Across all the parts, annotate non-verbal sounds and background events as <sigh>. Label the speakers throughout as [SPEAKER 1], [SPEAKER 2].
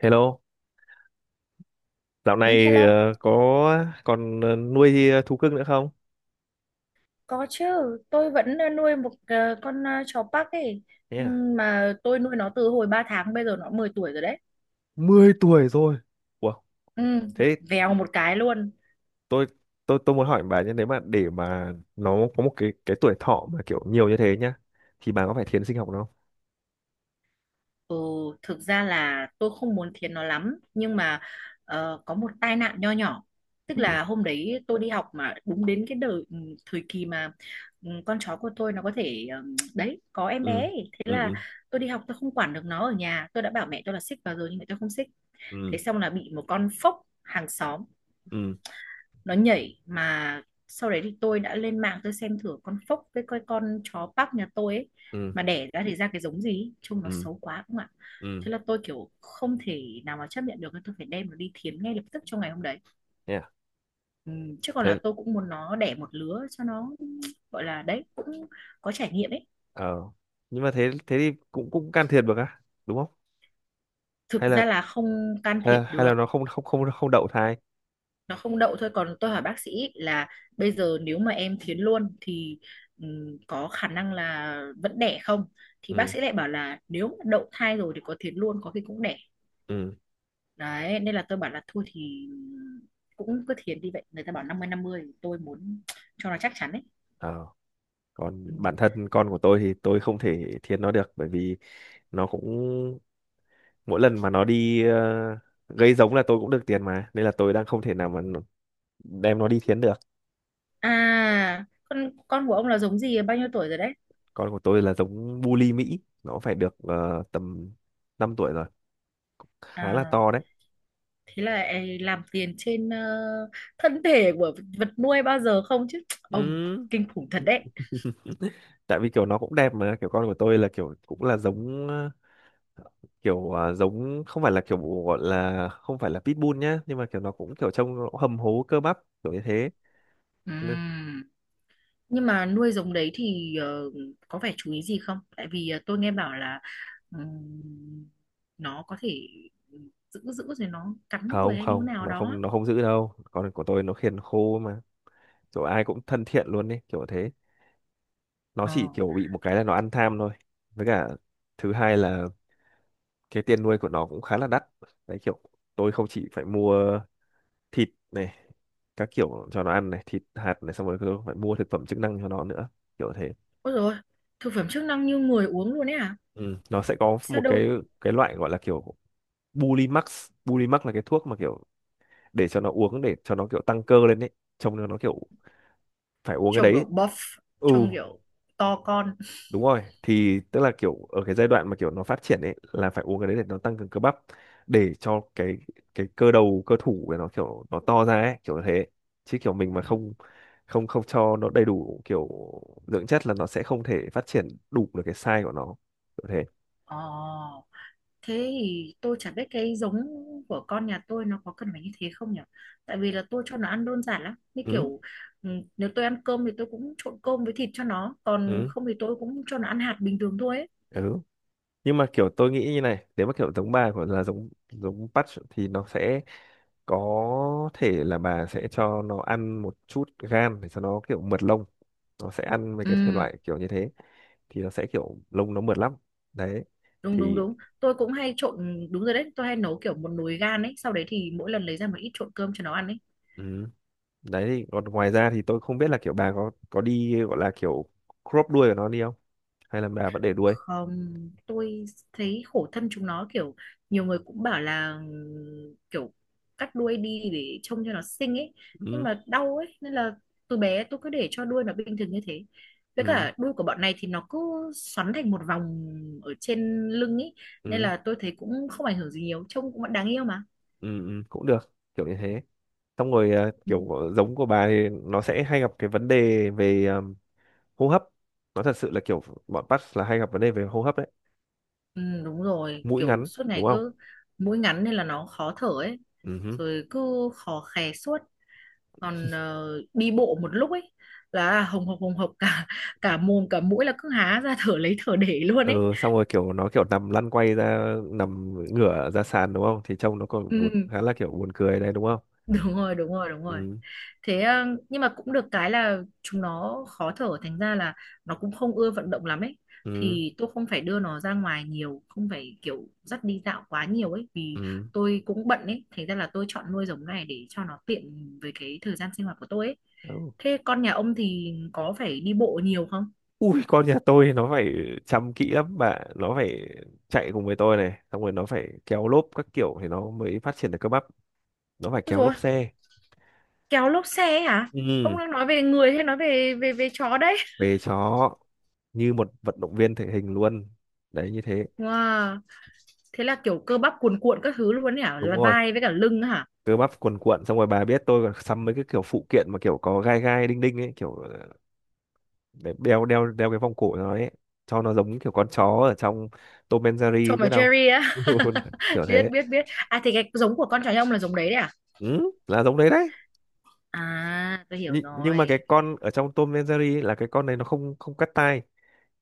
[SPEAKER 1] Hello, dạo
[SPEAKER 2] Ừ,
[SPEAKER 1] này
[SPEAKER 2] hello,
[SPEAKER 1] có còn nuôi thú cưng nữa không?
[SPEAKER 2] có chứ. Tôi vẫn nuôi một con chó Park ấy. Ừ,
[SPEAKER 1] Yeah.
[SPEAKER 2] mà tôi nuôi nó từ hồi 3 tháng, bây giờ nó 10 tuổi rồi đấy.
[SPEAKER 1] 10 tuổi rồi. Wow.
[SPEAKER 2] Ừ,
[SPEAKER 1] Thế
[SPEAKER 2] vèo một cái luôn.
[SPEAKER 1] tôi tôi muốn hỏi bà nhé, nếu mà để mà nó có một cái tuổi thọ mà kiểu nhiều như thế nhá, thì bà có phải thiến sinh học nó không?
[SPEAKER 2] Ừ, thực ra là tôi không muốn thiến nó lắm. Nhưng mà có một tai nạn nho nhỏ. Tức
[SPEAKER 1] Ừ.
[SPEAKER 2] là hôm đấy tôi đi học mà đúng đến cái đời, thời kỳ mà con chó của tôi nó có thể đấy, có em bé
[SPEAKER 1] Ừ.
[SPEAKER 2] ấy. Thế
[SPEAKER 1] Ừ.
[SPEAKER 2] là
[SPEAKER 1] Ừ.
[SPEAKER 2] tôi đi học, tôi không quản được nó ở nhà. Tôi đã bảo mẹ tôi là xích vào rồi nhưng mẹ tôi không xích. Thế
[SPEAKER 1] Ừ.
[SPEAKER 2] xong là bị một con phốc hàng xóm
[SPEAKER 1] Ừ.
[SPEAKER 2] nó nhảy, mà sau đấy thì tôi đã lên mạng tôi xem thử con phốc với cái con chó Park nhà tôi ấy
[SPEAKER 1] Ừ.
[SPEAKER 2] mà đẻ ra thì ra cái giống gì ấy. Trông nó
[SPEAKER 1] Ừ.
[SPEAKER 2] xấu quá không ạ.
[SPEAKER 1] Ừ.
[SPEAKER 2] Thế là tôi kiểu không thể nào mà chấp nhận được, tôi phải đem nó đi thiến ngay lập tức trong ngày hôm đấy.
[SPEAKER 1] Yeah.
[SPEAKER 2] Ừ, chứ còn
[SPEAKER 1] Thế
[SPEAKER 2] là tôi cũng muốn nó đẻ một lứa cho nó, gọi là đấy cũng có trải nghiệm ấy.
[SPEAKER 1] ờ Nhưng mà thế thế thì cũng cũng can thiệp được á, đúng không? Hay
[SPEAKER 2] Thực
[SPEAKER 1] là
[SPEAKER 2] ra là không can thiệp
[SPEAKER 1] hay
[SPEAKER 2] được.
[SPEAKER 1] là nó không không không không đậu thai?
[SPEAKER 2] Nó không đậu thôi, còn tôi hỏi bác sĩ là bây giờ nếu mà em thiến luôn thì có khả năng là vẫn đẻ không, thì bác
[SPEAKER 1] Ừ.
[SPEAKER 2] sĩ lại bảo là nếu mà đậu thai rồi thì có thiến luôn có khi cũng đẻ.
[SPEAKER 1] Ừ.
[SPEAKER 2] Đấy nên là tôi bảo là thôi thì cũng cứ thiến đi vậy, người ta bảo 50-50, tôi muốn cho nó chắc chắn đấy.
[SPEAKER 1] Ờ. Còn
[SPEAKER 2] Ừ.
[SPEAKER 1] bản thân con của tôi thì tôi không thể thiên nó được, bởi vì nó cũng mỗi lần mà nó đi gây giống là tôi cũng được tiền mà, nên là tôi đang không thể nào mà đem nó đi thiến được.
[SPEAKER 2] À, con của ông là giống gì, bao nhiêu tuổi rồi đấy?
[SPEAKER 1] Con của tôi là giống bully Mỹ, nó phải được tầm 5 tuổi rồi, cũng khá là
[SPEAKER 2] À,
[SPEAKER 1] to đấy.
[SPEAKER 2] thế là ấy làm tiền trên thân thể của vật nuôi bao giờ không chứ
[SPEAKER 1] Ừ.
[SPEAKER 2] ông, kinh khủng thật đấy.
[SPEAKER 1] Tại vì kiểu nó cũng đẹp mà, kiểu con của tôi là kiểu cũng là giống kiểu giống không phải là kiểu gọi là, không phải là pitbull nhá, nhưng mà kiểu nó cũng kiểu trông nó hầm hố cơ bắp kiểu như thế.
[SPEAKER 2] Ừm. Nhưng mà nuôi giống đấy thì có phải chú ý gì không? Tại vì tôi nghe bảo là ừm, nó có thể ừ, giữ giữ rồi nó cắn người
[SPEAKER 1] không
[SPEAKER 2] hay như
[SPEAKER 1] không
[SPEAKER 2] thế nào
[SPEAKER 1] nó không
[SPEAKER 2] đó.
[SPEAKER 1] nó không giữ đâu, con của tôi nó khiền khô mà, kiểu ai cũng thân thiện luôn đấy kiểu thế. Nó
[SPEAKER 2] Ờ.
[SPEAKER 1] chỉ kiểu bị một cái là nó ăn tham thôi, với cả thứ hai là cái tiền nuôi của nó cũng khá là đắt đấy. Kiểu tôi không chỉ phải mua thịt này, các kiểu cho nó ăn này, thịt hạt này, xong rồi tôi phải mua thực phẩm chức năng cho nó nữa kiểu thế.
[SPEAKER 2] Ôi rồi, thực phẩm chức năng như người uống luôn ấy à?
[SPEAKER 1] Ừ. Nó sẽ có
[SPEAKER 2] Sao
[SPEAKER 1] một cái
[SPEAKER 2] đâu,
[SPEAKER 1] cái loại gọi là kiểu Bulimax. Bulimax là cái thuốc mà kiểu để cho nó uống, để cho nó kiểu tăng cơ lên đấy, trông nó kiểu phải uống cái
[SPEAKER 2] trông kiểu
[SPEAKER 1] đấy.
[SPEAKER 2] buff,
[SPEAKER 1] Ừ.
[SPEAKER 2] trông kiểu to con. <laughs>
[SPEAKER 1] Đúng rồi, thì tức là kiểu ở cái giai đoạn mà kiểu nó phát triển ấy là phải uống cái đấy để nó tăng cường cơ bắp, để cho cái cơ đầu cơ thủ để nó kiểu nó to ra ấy kiểu thế. Chứ kiểu mình mà
[SPEAKER 2] Ừ.
[SPEAKER 1] không không không cho nó đầy đủ kiểu dưỡng chất là nó sẽ không thể phát triển đủ được cái size của nó kiểu thế.
[SPEAKER 2] Ờ. Thế thì tôi chả biết cái giống của con nhà tôi nó có cần phải như thế không nhỉ? Tại vì là tôi cho nó ăn đơn giản lắm. Như
[SPEAKER 1] Ừ.
[SPEAKER 2] kiểu ừ, nếu tôi ăn cơm thì tôi cũng trộn cơm với thịt cho nó. Còn
[SPEAKER 1] Ừ.
[SPEAKER 2] không thì tôi cũng cho nó ăn hạt bình thường thôi ấy.
[SPEAKER 1] Ừ. Nhưng mà kiểu tôi nghĩ như này, nếu mà kiểu giống bà của là giống giống patch thì nó sẽ có thể là bà sẽ cho nó ăn một chút gan để cho nó kiểu mượt lông, nó sẽ ăn mấy cái thể
[SPEAKER 2] Ừ,
[SPEAKER 1] loại kiểu như thế thì nó sẽ kiểu lông nó mượt lắm đấy
[SPEAKER 2] đúng đúng
[SPEAKER 1] thì.
[SPEAKER 2] đúng. Tôi cũng hay trộn, đúng rồi đấy. Tôi hay nấu kiểu một nồi gan ấy. Sau đấy thì mỗi lần lấy ra một ít trộn cơm cho nó ăn ấy.
[SPEAKER 1] Ừ. Đấy thì còn ngoài ra thì tôi không biết là kiểu bà có đi gọi là kiểu crop đuôi của nó đi không, hay là bà vẫn để đuôi.
[SPEAKER 2] Không, tôi thấy khổ thân chúng nó, kiểu nhiều người cũng bảo là kiểu cắt đuôi đi để trông cho nó xinh ấy, nhưng
[SPEAKER 1] Ừ.
[SPEAKER 2] mà đau ấy nên là từ bé tôi cứ để cho đuôi nó bình thường như thế. Với
[SPEAKER 1] Ừ.
[SPEAKER 2] cả đuôi của bọn này thì nó cứ xoắn thành một vòng ở trên lưng ấy, nên
[SPEAKER 1] Ừ.
[SPEAKER 2] là tôi thấy cũng không ảnh hưởng gì nhiều, trông cũng vẫn đáng yêu mà.
[SPEAKER 1] Ừ. Ừ. Cũng được kiểu như thế. Xong rồi à,
[SPEAKER 2] Ừ.
[SPEAKER 1] kiểu giống của bà thì nó sẽ hay gặp cái vấn đề về à, hô hấp. Nó thật sự là kiểu bọn Pats là hay gặp vấn đề về hô hấp đấy,
[SPEAKER 2] Ừ, đúng rồi,
[SPEAKER 1] mũi
[SPEAKER 2] kiểu
[SPEAKER 1] ngắn
[SPEAKER 2] suốt ngày
[SPEAKER 1] đúng không.
[SPEAKER 2] cứ mũi ngắn nên là nó khó thở ấy,
[SPEAKER 1] Ừ.
[SPEAKER 2] rồi cứ khò khè suốt. Còn đi bộ một lúc ấy là hồng hộc hồng hộc, cả cả mồm cả mũi là cứ há ra thở lấy thở để luôn ấy.
[SPEAKER 1] Ừ. Xong rồi kiểu nó kiểu nằm lăn quay ra nằm ngửa ra sàn đúng không, thì trông nó còn buồn,
[SPEAKER 2] Ừ,
[SPEAKER 1] khá là kiểu buồn cười đấy đúng không.
[SPEAKER 2] đúng rồi đúng rồi đúng rồi.
[SPEAKER 1] Ừ.
[SPEAKER 2] Thế nhưng mà cũng được cái là chúng nó khó thở thành ra là nó cũng không ưa vận động lắm ấy,
[SPEAKER 1] Ừ.
[SPEAKER 2] thì tôi không phải đưa nó ra ngoài nhiều, không phải kiểu dắt đi dạo quá nhiều ấy, vì
[SPEAKER 1] Ừ.
[SPEAKER 2] tôi cũng bận ấy, thành ra là tôi chọn nuôi giống này để cho nó tiện với cái thời gian sinh hoạt của tôi ấy.
[SPEAKER 1] Ừ.
[SPEAKER 2] Thế con nhà ông thì có phải đi bộ nhiều không?
[SPEAKER 1] Ui, con nhà tôi nó phải chăm kỹ lắm bạn, nó phải chạy cùng với tôi này, xong rồi nó phải kéo lốp các kiểu thì nó mới phát triển được cơ bắp. Nó phải kéo
[SPEAKER 2] Ôi,
[SPEAKER 1] lốp xe.
[SPEAKER 2] kéo lốp xe ấy hả?
[SPEAKER 1] Ừ.
[SPEAKER 2] Ông đang nói về người hay nói về về về chó đấy?
[SPEAKER 1] Về chó. Như một vận động viên thể hình luôn đấy như thế.
[SPEAKER 2] Wow, thế là kiểu cơ bắp cuồn cuộn các thứ luôn ấy hả?
[SPEAKER 1] Đúng
[SPEAKER 2] Là
[SPEAKER 1] rồi,
[SPEAKER 2] vai với cả lưng hả?
[SPEAKER 1] cơ bắp cuồn cuộn, xong rồi bà biết tôi còn sắm mấy cái kiểu phụ kiện mà kiểu có gai gai đinh đinh ấy kiểu để đeo đeo đeo cái vòng cổ nó ấy, cho nó giống kiểu con chó ở trong Tom and
[SPEAKER 2] Tom
[SPEAKER 1] Jerry
[SPEAKER 2] và
[SPEAKER 1] biết không.
[SPEAKER 2] Jerry á.
[SPEAKER 1] <laughs> Kiểu
[SPEAKER 2] <laughs> Biết
[SPEAKER 1] thế.
[SPEAKER 2] biết biết. À thì cái giống của con chó nhà ông là giống đấy đấy à?
[SPEAKER 1] Ừ, là giống đấy đấy.
[SPEAKER 2] À, tôi hiểu
[SPEAKER 1] Nhưng mà
[SPEAKER 2] rồi.
[SPEAKER 1] cái con ở trong Tom and Jerry ấy là cái con này nó không không cắt tai,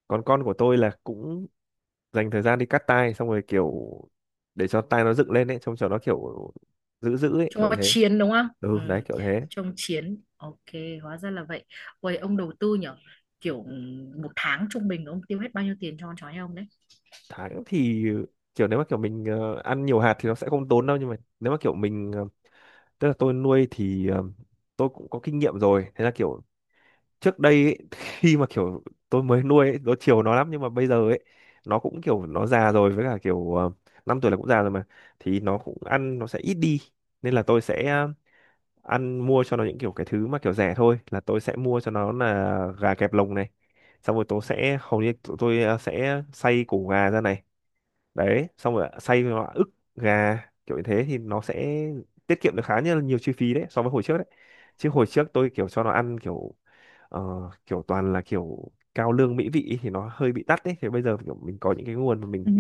[SPEAKER 1] còn con của tôi là cũng dành thời gian đi cắt tai, xong rồi kiểu để cho tai nó dựng lên ấy, trông cho nó kiểu dữ dữ ấy
[SPEAKER 2] Trông
[SPEAKER 1] kiểu
[SPEAKER 2] nó
[SPEAKER 1] thế.
[SPEAKER 2] chiến đúng không?
[SPEAKER 1] Ừ đấy
[SPEAKER 2] Ừ,
[SPEAKER 1] kiểu thế.
[SPEAKER 2] trông chiến. Ok, hóa ra là vậy. Ôi, ông đầu tư nhở? Kiểu một tháng trung bình ông tiêu hết bao nhiêu tiền cho con chó nhà ông đấy?
[SPEAKER 1] Tháng thì kiểu nếu mà kiểu mình ăn nhiều hạt thì nó sẽ không tốn đâu, nhưng mà nếu mà kiểu mình tức là tôi nuôi thì tôi cũng có kinh nghiệm rồi, thế là kiểu trước đây ấy, <laughs> khi mà kiểu tôi mới nuôi ấy, tôi chiều nó lắm, nhưng mà bây giờ ấy nó cũng kiểu nó già rồi, với cả kiểu năm tuổi là cũng già rồi mà, thì nó cũng ăn nó sẽ ít đi, nên là tôi sẽ ờ, ăn mua cho nó những kiểu cái thứ mà kiểu rẻ thôi, là tôi sẽ mua cho nó là gà kẹp lồng này, xong rồi tôi sẽ hầu như tụi tôi sẽ xay củ gà ra này, đấy xong rồi xay vào ức gà kiểu như thế thì nó sẽ tiết kiệm được khá nhiều chi phí đấy so với hồi trước đấy. Chứ hồi trước tôi kiểu cho nó ăn kiểu ờ, kiểu toàn là kiểu cao lương mỹ vị ý, thì nó hơi bị tắt đấy, thì bây giờ kiểu mình có những cái nguồn mà
[SPEAKER 2] Ừ.
[SPEAKER 1] mình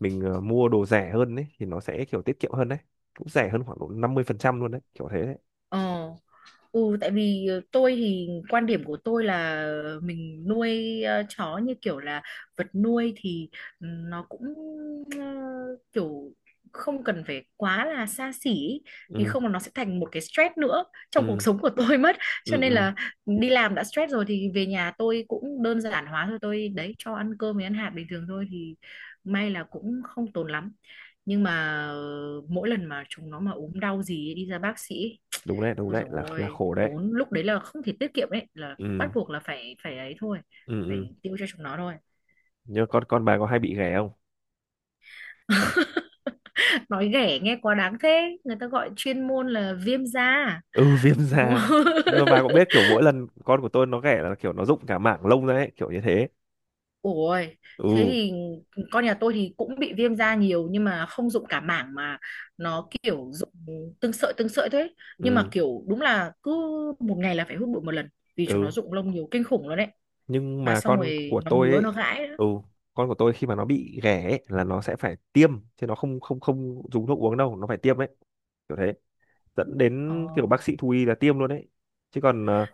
[SPEAKER 1] mình mua đồ rẻ hơn đấy thì nó sẽ kiểu tiết kiệm hơn đấy, cũng rẻ hơn khoảng độ 50% luôn đấy kiểu thế đấy.
[SPEAKER 2] Ờ. Ừ, tại vì tôi thì quan điểm của tôi là mình nuôi chó như kiểu là vật nuôi, thì nó cũng ờ, kiểu không cần phải quá là xa xỉ ý. Vì
[SPEAKER 1] Ừ.
[SPEAKER 2] không là nó sẽ thành một cái stress nữa trong cuộc
[SPEAKER 1] Ừ.
[SPEAKER 2] sống của <laughs> tôi mất,
[SPEAKER 1] Ừ.
[SPEAKER 2] cho nên
[SPEAKER 1] Ừ.
[SPEAKER 2] là đi làm đã stress rồi thì về nhà tôi cũng đơn giản hóa thôi, tôi đấy cho ăn cơm với ăn hạt bình thường thôi thì may là cũng không tốn lắm. Nhưng mà mỗi lần mà chúng nó mà ốm đau gì ấy, đi ra bác sĩ.
[SPEAKER 1] Đúng đấy, đúng
[SPEAKER 2] Ôi
[SPEAKER 1] đấy,
[SPEAKER 2] dồi
[SPEAKER 1] là
[SPEAKER 2] ôi,
[SPEAKER 1] khổ đấy.
[SPEAKER 2] tốn lúc đấy là không thể tiết kiệm, đấy là
[SPEAKER 1] Ừ.
[SPEAKER 2] bắt buộc là phải phải ấy thôi,
[SPEAKER 1] Ừ. Ừ.
[SPEAKER 2] phải tiêu cho chúng nó thôi.
[SPEAKER 1] Nhưng con bà có hay bị ghẻ không.
[SPEAKER 2] <laughs> Nói ghẻ nghe quá đáng thế, người ta gọi chuyên môn là viêm da,
[SPEAKER 1] Ừ, viêm
[SPEAKER 2] đúng
[SPEAKER 1] da.
[SPEAKER 2] không? <laughs>
[SPEAKER 1] Nhưng mà bà cũng biết kiểu mỗi lần con của tôi nó ghẻ là kiểu nó rụng cả mảng lông ra ấy kiểu như thế.
[SPEAKER 2] Ôi, thế
[SPEAKER 1] Ừ.
[SPEAKER 2] thì con nhà tôi thì cũng bị viêm da nhiều nhưng mà không dụng cả mảng, mà nó kiểu dụng từng sợi thế. Nhưng mà
[SPEAKER 1] Ừ.
[SPEAKER 2] kiểu đúng là cứ một ngày là phải hút bụi một lần vì chúng nó
[SPEAKER 1] Ừ.
[SPEAKER 2] dụng lông nhiều kinh khủng luôn đấy.
[SPEAKER 1] Nhưng
[SPEAKER 2] Mà
[SPEAKER 1] mà
[SPEAKER 2] xong
[SPEAKER 1] con
[SPEAKER 2] rồi
[SPEAKER 1] của
[SPEAKER 2] nó
[SPEAKER 1] tôi
[SPEAKER 2] ngứa
[SPEAKER 1] ấy.
[SPEAKER 2] nó gãi nữa.
[SPEAKER 1] Ừ. Con của tôi khi mà nó bị ghẻ ấy, là nó sẽ phải tiêm, chứ nó không không không dùng thuốc uống đâu, nó phải tiêm ấy kiểu thế, dẫn
[SPEAKER 2] Ồ.
[SPEAKER 1] đến kiểu bác sĩ thú y là tiêm luôn đấy. Chứ còn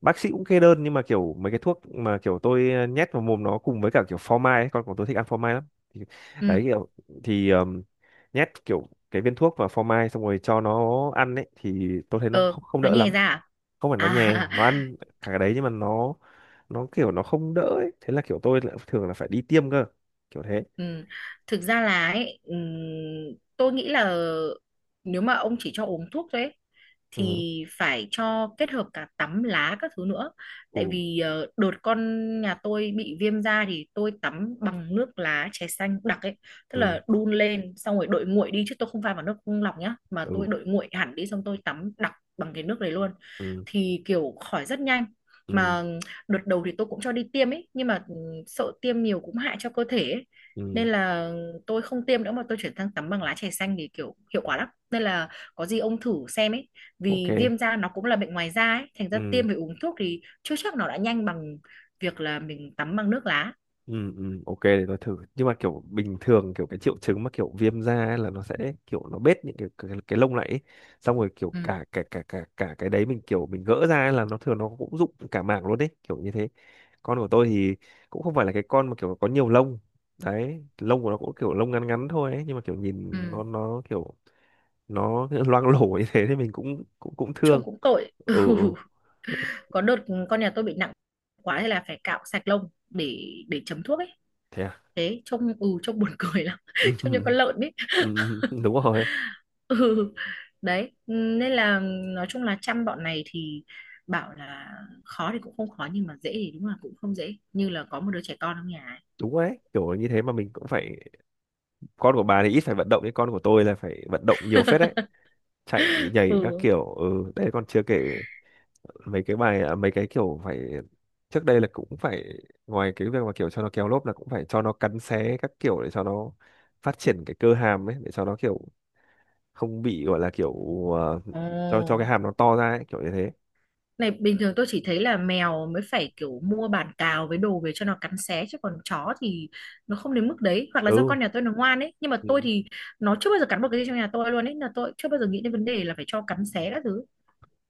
[SPEAKER 1] bác sĩ cũng kê đơn, nhưng mà kiểu mấy cái thuốc mà kiểu tôi nhét vào mồm nó cùng với cả kiểu phô mai ấy, con của tôi thích ăn phô mai lắm thì, đấy
[SPEAKER 2] Ừ.
[SPEAKER 1] kiểu thì nhét kiểu cái viên thuốc vào phô mai xong rồi cho nó ăn ấy, thì tôi thấy nó
[SPEAKER 2] Ừ,
[SPEAKER 1] không
[SPEAKER 2] nó
[SPEAKER 1] đỡ
[SPEAKER 2] nhè
[SPEAKER 1] lắm.
[SPEAKER 2] ra.
[SPEAKER 1] Không phải nó
[SPEAKER 2] À,
[SPEAKER 1] nhè,
[SPEAKER 2] à.
[SPEAKER 1] nó ăn cả cái đấy nhưng mà nó kiểu nó không đỡ ấy, thế là kiểu tôi lại thường là phải đi tiêm cơ kiểu thế.
[SPEAKER 2] Ừ. Thực ra là ấy, tôi nghĩ là nếu mà ông chỉ cho uống thuốc thôi ấy,
[SPEAKER 1] Ừ.
[SPEAKER 2] thì phải cho kết hợp cả tắm lá các thứ nữa.
[SPEAKER 1] Ừ.
[SPEAKER 2] Tại vì đợt con nhà tôi bị viêm da thì tôi tắm bằng nước lá chè xanh đặc ấy, tức
[SPEAKER 1] Ừ.
[SPEAKER 2] là đun lên xong rồi đợi nguội đi chứ tôi không pha vào nước lọc nhá, mà
[SPEAKER 1] Ừ.
[SPEAKER 2] tôi đợi nguội hẳn đi xong tôi tắm đặc bằng cái nước đấy luôn.
[SPEAKER 1] Ừ.
[SPEAKER 2] Thì kiểu khỏi rất nhanh.
[SPEAKER 1] Ừ.
[SPEAKER 2] Mà đợt đầu thì tôi cũng cho đi tiêm ấy nhưng mà sợ tiêm nhiều cũng hại cho cơ thể ấy,
[SPEAKER 1] Ừ.
[SPEAKER 2] nên là tôi không tiêm nữa mà tôi chuyển sang tắm bằng lá chè xanh thì kiểu hiệu quả lắm, nên là có gì ông thử xem ấy,
[SPEAKER 1] Ok.
[SPEAKER 2] vì viêm da nó cũng là bệnh ngoài da ấy, thành ra
[SPEAKER 1] Ừ.
[SPEAKER 2] tiêm với uống thuốc thì chưa chắc nó đã nhanh bằng việc là mình tắm bằng nước lá.
[SPEAKER 1] Ừ, ừ, ok để tôi thử. Nhưng mà kiểu bình thường kiểu cái triệu chứng mà kiểu viêm da ấy là nó sẽ kiểu nó bết những cái lông lại ấy. Xong rồi kiểu
[SPEAKER 2] Ừ
[SPEAKER 1] cả cả cả cả cả cái đấy mình kiểu mình gỡ ra ấy là nó thường nó cũng rụng cả mảng luôn đấy kiểu như thế. Con của tôi thì cũng không phải là cái con mà kiểu có nhiều lông đấy, lông của nó cũng kiểu lông ngắn ngắn thôi ấy. Nhưng mà kiểu nhìn
[SPEAKER 2] ừ,
[SPEAKER 1] nó kiểu nó <laughs> loang lổ như thế thì mình cũng cũng cũng
[SPEAKER 2] trông
[SPEAKER 1] thương.
[SPEAKER 2] cũng tội.
[SPEAKER 1] Ừ.
[SPEAKER 2] <laughs>
[SPEAKER 1] Ừ.
[SPEAKER 2] Ừ. Có đợt con nhà tôi bị nặng quá hay là phải cạo sạch lông để chấm thuốc ấy,
[SPEAKER 1] Thế à.
[SPEAKER 2] thế trông trông buồn cười lắm <laughs>
[SPEAKER 1] <laughs>
[SPEAKER 2] trông như
[SPEAKER 1] Ừ,
[SPEAKER 2] con lợn ấy.
[SPEAKER 1] ừ, ừ, đúng rồi.
[SPEAKER 2] Ừ, đấy nên là nói chung là chăm bọn này thì bảo là khó thì cũng không khó nhưng mà dễ thì đúng là cũng không dễ như là có một đứa trẻ con trong nhà ấy.
[SPEAKER 1] Đúng đấy kiểu như thế, mà mình cũng phải, con của bà thì ít phải vận động, nhưng con của tôi là phải vận động nhiều phết đấy,
[SPEAKER 2] <laughs>
[SPEAKER 1] chạy nhảy các
[SPEAKER 2] Ừ.
[SPEAKER 1] kiểu. Ừ, đấy còn chưa kể mấy cái bài à, mấy cái kiểu phải, trước đây là cũng phải, ngoài cái việc mà kiểu cho nó kéo lốp là cũng phải cho nó cắn xé các kiểu để cho nó phát triển cái cơ hàm ấy, để cho nó kiểu không bị gọi là kiểu ờ, cho
[SPEAKER 2] Ồ,
[SPEAKER 1] cái hàm nó to ra ấy kiểu như thế.
[SPEAKER 2] này bình thường tôi chỉ thấy là mèo mới phải kiểu mua bàn cào với đồ về cho nó cắn xé chứ còn chó thì nó không đến mức đấy, hoặc là do
[SPEAKER 1] Ừ.
[SPEAKER 2] con nhà tôi nó ngoan ấy, nhưng mà tôi
[SPEAKER 1] Ừ.
[SPEAKER 2] thì nó chưa bao giờ cắn một cái gì trong nhà tôi luôn ấy, là tôi chưa bao giờ nghĩ đến vấn đề là phải cho cắn xé các thứ.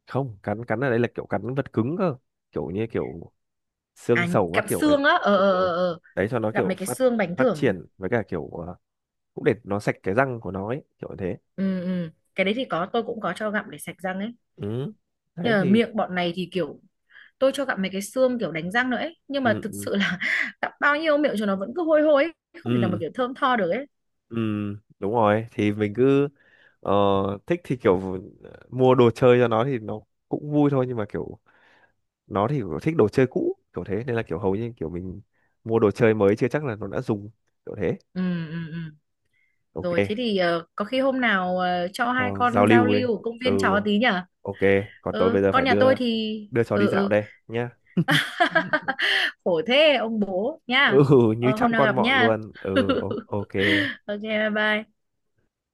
[SPEAKER 1] Không, cắn cắn ở đây là kiểu cắn vật cứng cơ, kiểu như kiểu xương
[SPEAKER 2] À,
[SPEAKER 1] sầu các
[SPEAKER 2] cặm
[SPEAKER 1] kiểu ấy.
[SPEAKER 2] xương á, ờ
[SPEAKER 1] Ừ.
[SPEAKER 2] ờ
[SPEAKER 1] Ừ.
[SPEAKER 2] ờ ờ.
[SPEAKER 1] Đấy cho nó
[SPEAKER 2] Gặp
[SPEAKER 1] kiểu
[SPEAKER 2] mấy cái
[SPEAKER 1] phát
[SPEAKER 2] xương bánh
[SPEAKER 1] phát
[SPEAKER 2] thưởng.
[SPEAKER 1] triển với cả kiểu cũng để nó sạch cái răng của nó ấy kiểu như thế.
[SPEAKER 2] Ừ, ừ. Cái đấy thì có, tôi cũng có cho gặm để sạch răng ấy,
[SPEAKER 1] Ừ
[SPEAKER 2] nhưng
[SPEAKER 1] đấy
[SPEAKER 2] mà
[SPEAKER 1] thì.
[SPEAKER 2] miệng bọn này thì kiểu tôi cho gặm mấy cái xương kiểu đánh răng nữa ấy nhưng mà
[SPEAKER 1] Ừ.
[SPEAKER 2] thực
[SPEAKER 1] Ừ.
[SPEAKER 2] sự là <laughs> gặm bao nhiêu miệng cho nó vẫn cứ hôi hôi ấy. Không thể nào mà
[SPEAKER 1] Ừ.
[SPEAKER 2] kiểu thơm tho được ấy.
[SPEAKER 1] Ừ, đúng rồi thì mình cứ ờ, thích thì kiểu mua đồ chơi cho nó thì nó cũng vui thôi, nhưng mà kiểu nó thì kiểu thích đồ chơi cũ kiểu thế, nên là kiểu hầu như kiểu mình mua đồ chơi mới chưa chắc là nó đã dùng kiểu thế.
[SPEAKER 2] Ừ, ừ, ừ.
[SPEAKER 1] Ok.
[SPEAKER 2] Rồi thế thì có khi hôm nào cho
[SPEAKER 1] Ờ,
[SPEAKER 2] hai
[SPEAKER 1] giao
[SPEAKER 2] con giao
[SPEAKER 1] lưu đi.
[SPEAKER 2] lưu ở công
[SPEAKER 1] Ừ.
[SPEAKER 2] viên chó tí nhở.
[SPEAKER 1] Ok. Còn tôi bây
[SPEAKER 2] Ừ,
[SPEAKER 1] giờ
[SPEAKER 2] con
[SPEAKER 1] phải
[SPEAKER 2] nhà
[SPEAKER 1] đưa
[SPEAKER 2] tôi thì
[SPEAKER 1] đưa chó
[SPEAKER 2] ừ
[SPEAKER 1] đi dạo
[SPEAKER 2] ừ
[SPEAKER 1] đây nhá.
[SPEAKER 2] <laughs>
[SPEAKER 1] <laughs>
[SPEAKER 2] khổ thế ông bố nha.
[SPEAKER 1] Ừ, như
[SPEAKER 2] Ờ, hôm
[SPEAKER 1] chăm
[SPEAKER 2] nào
[SPEAKER 1] con
[SPEAKER 2] gặp
[SPEAKER 1] mọn
[SPEAKER 2] nha.
[SPEAKER 1] luôn.
[SPEAKER 2] <laughs>
[SPEAKER 1] Ừ. Ok
[SPEAKER 2] Ok, bye bye.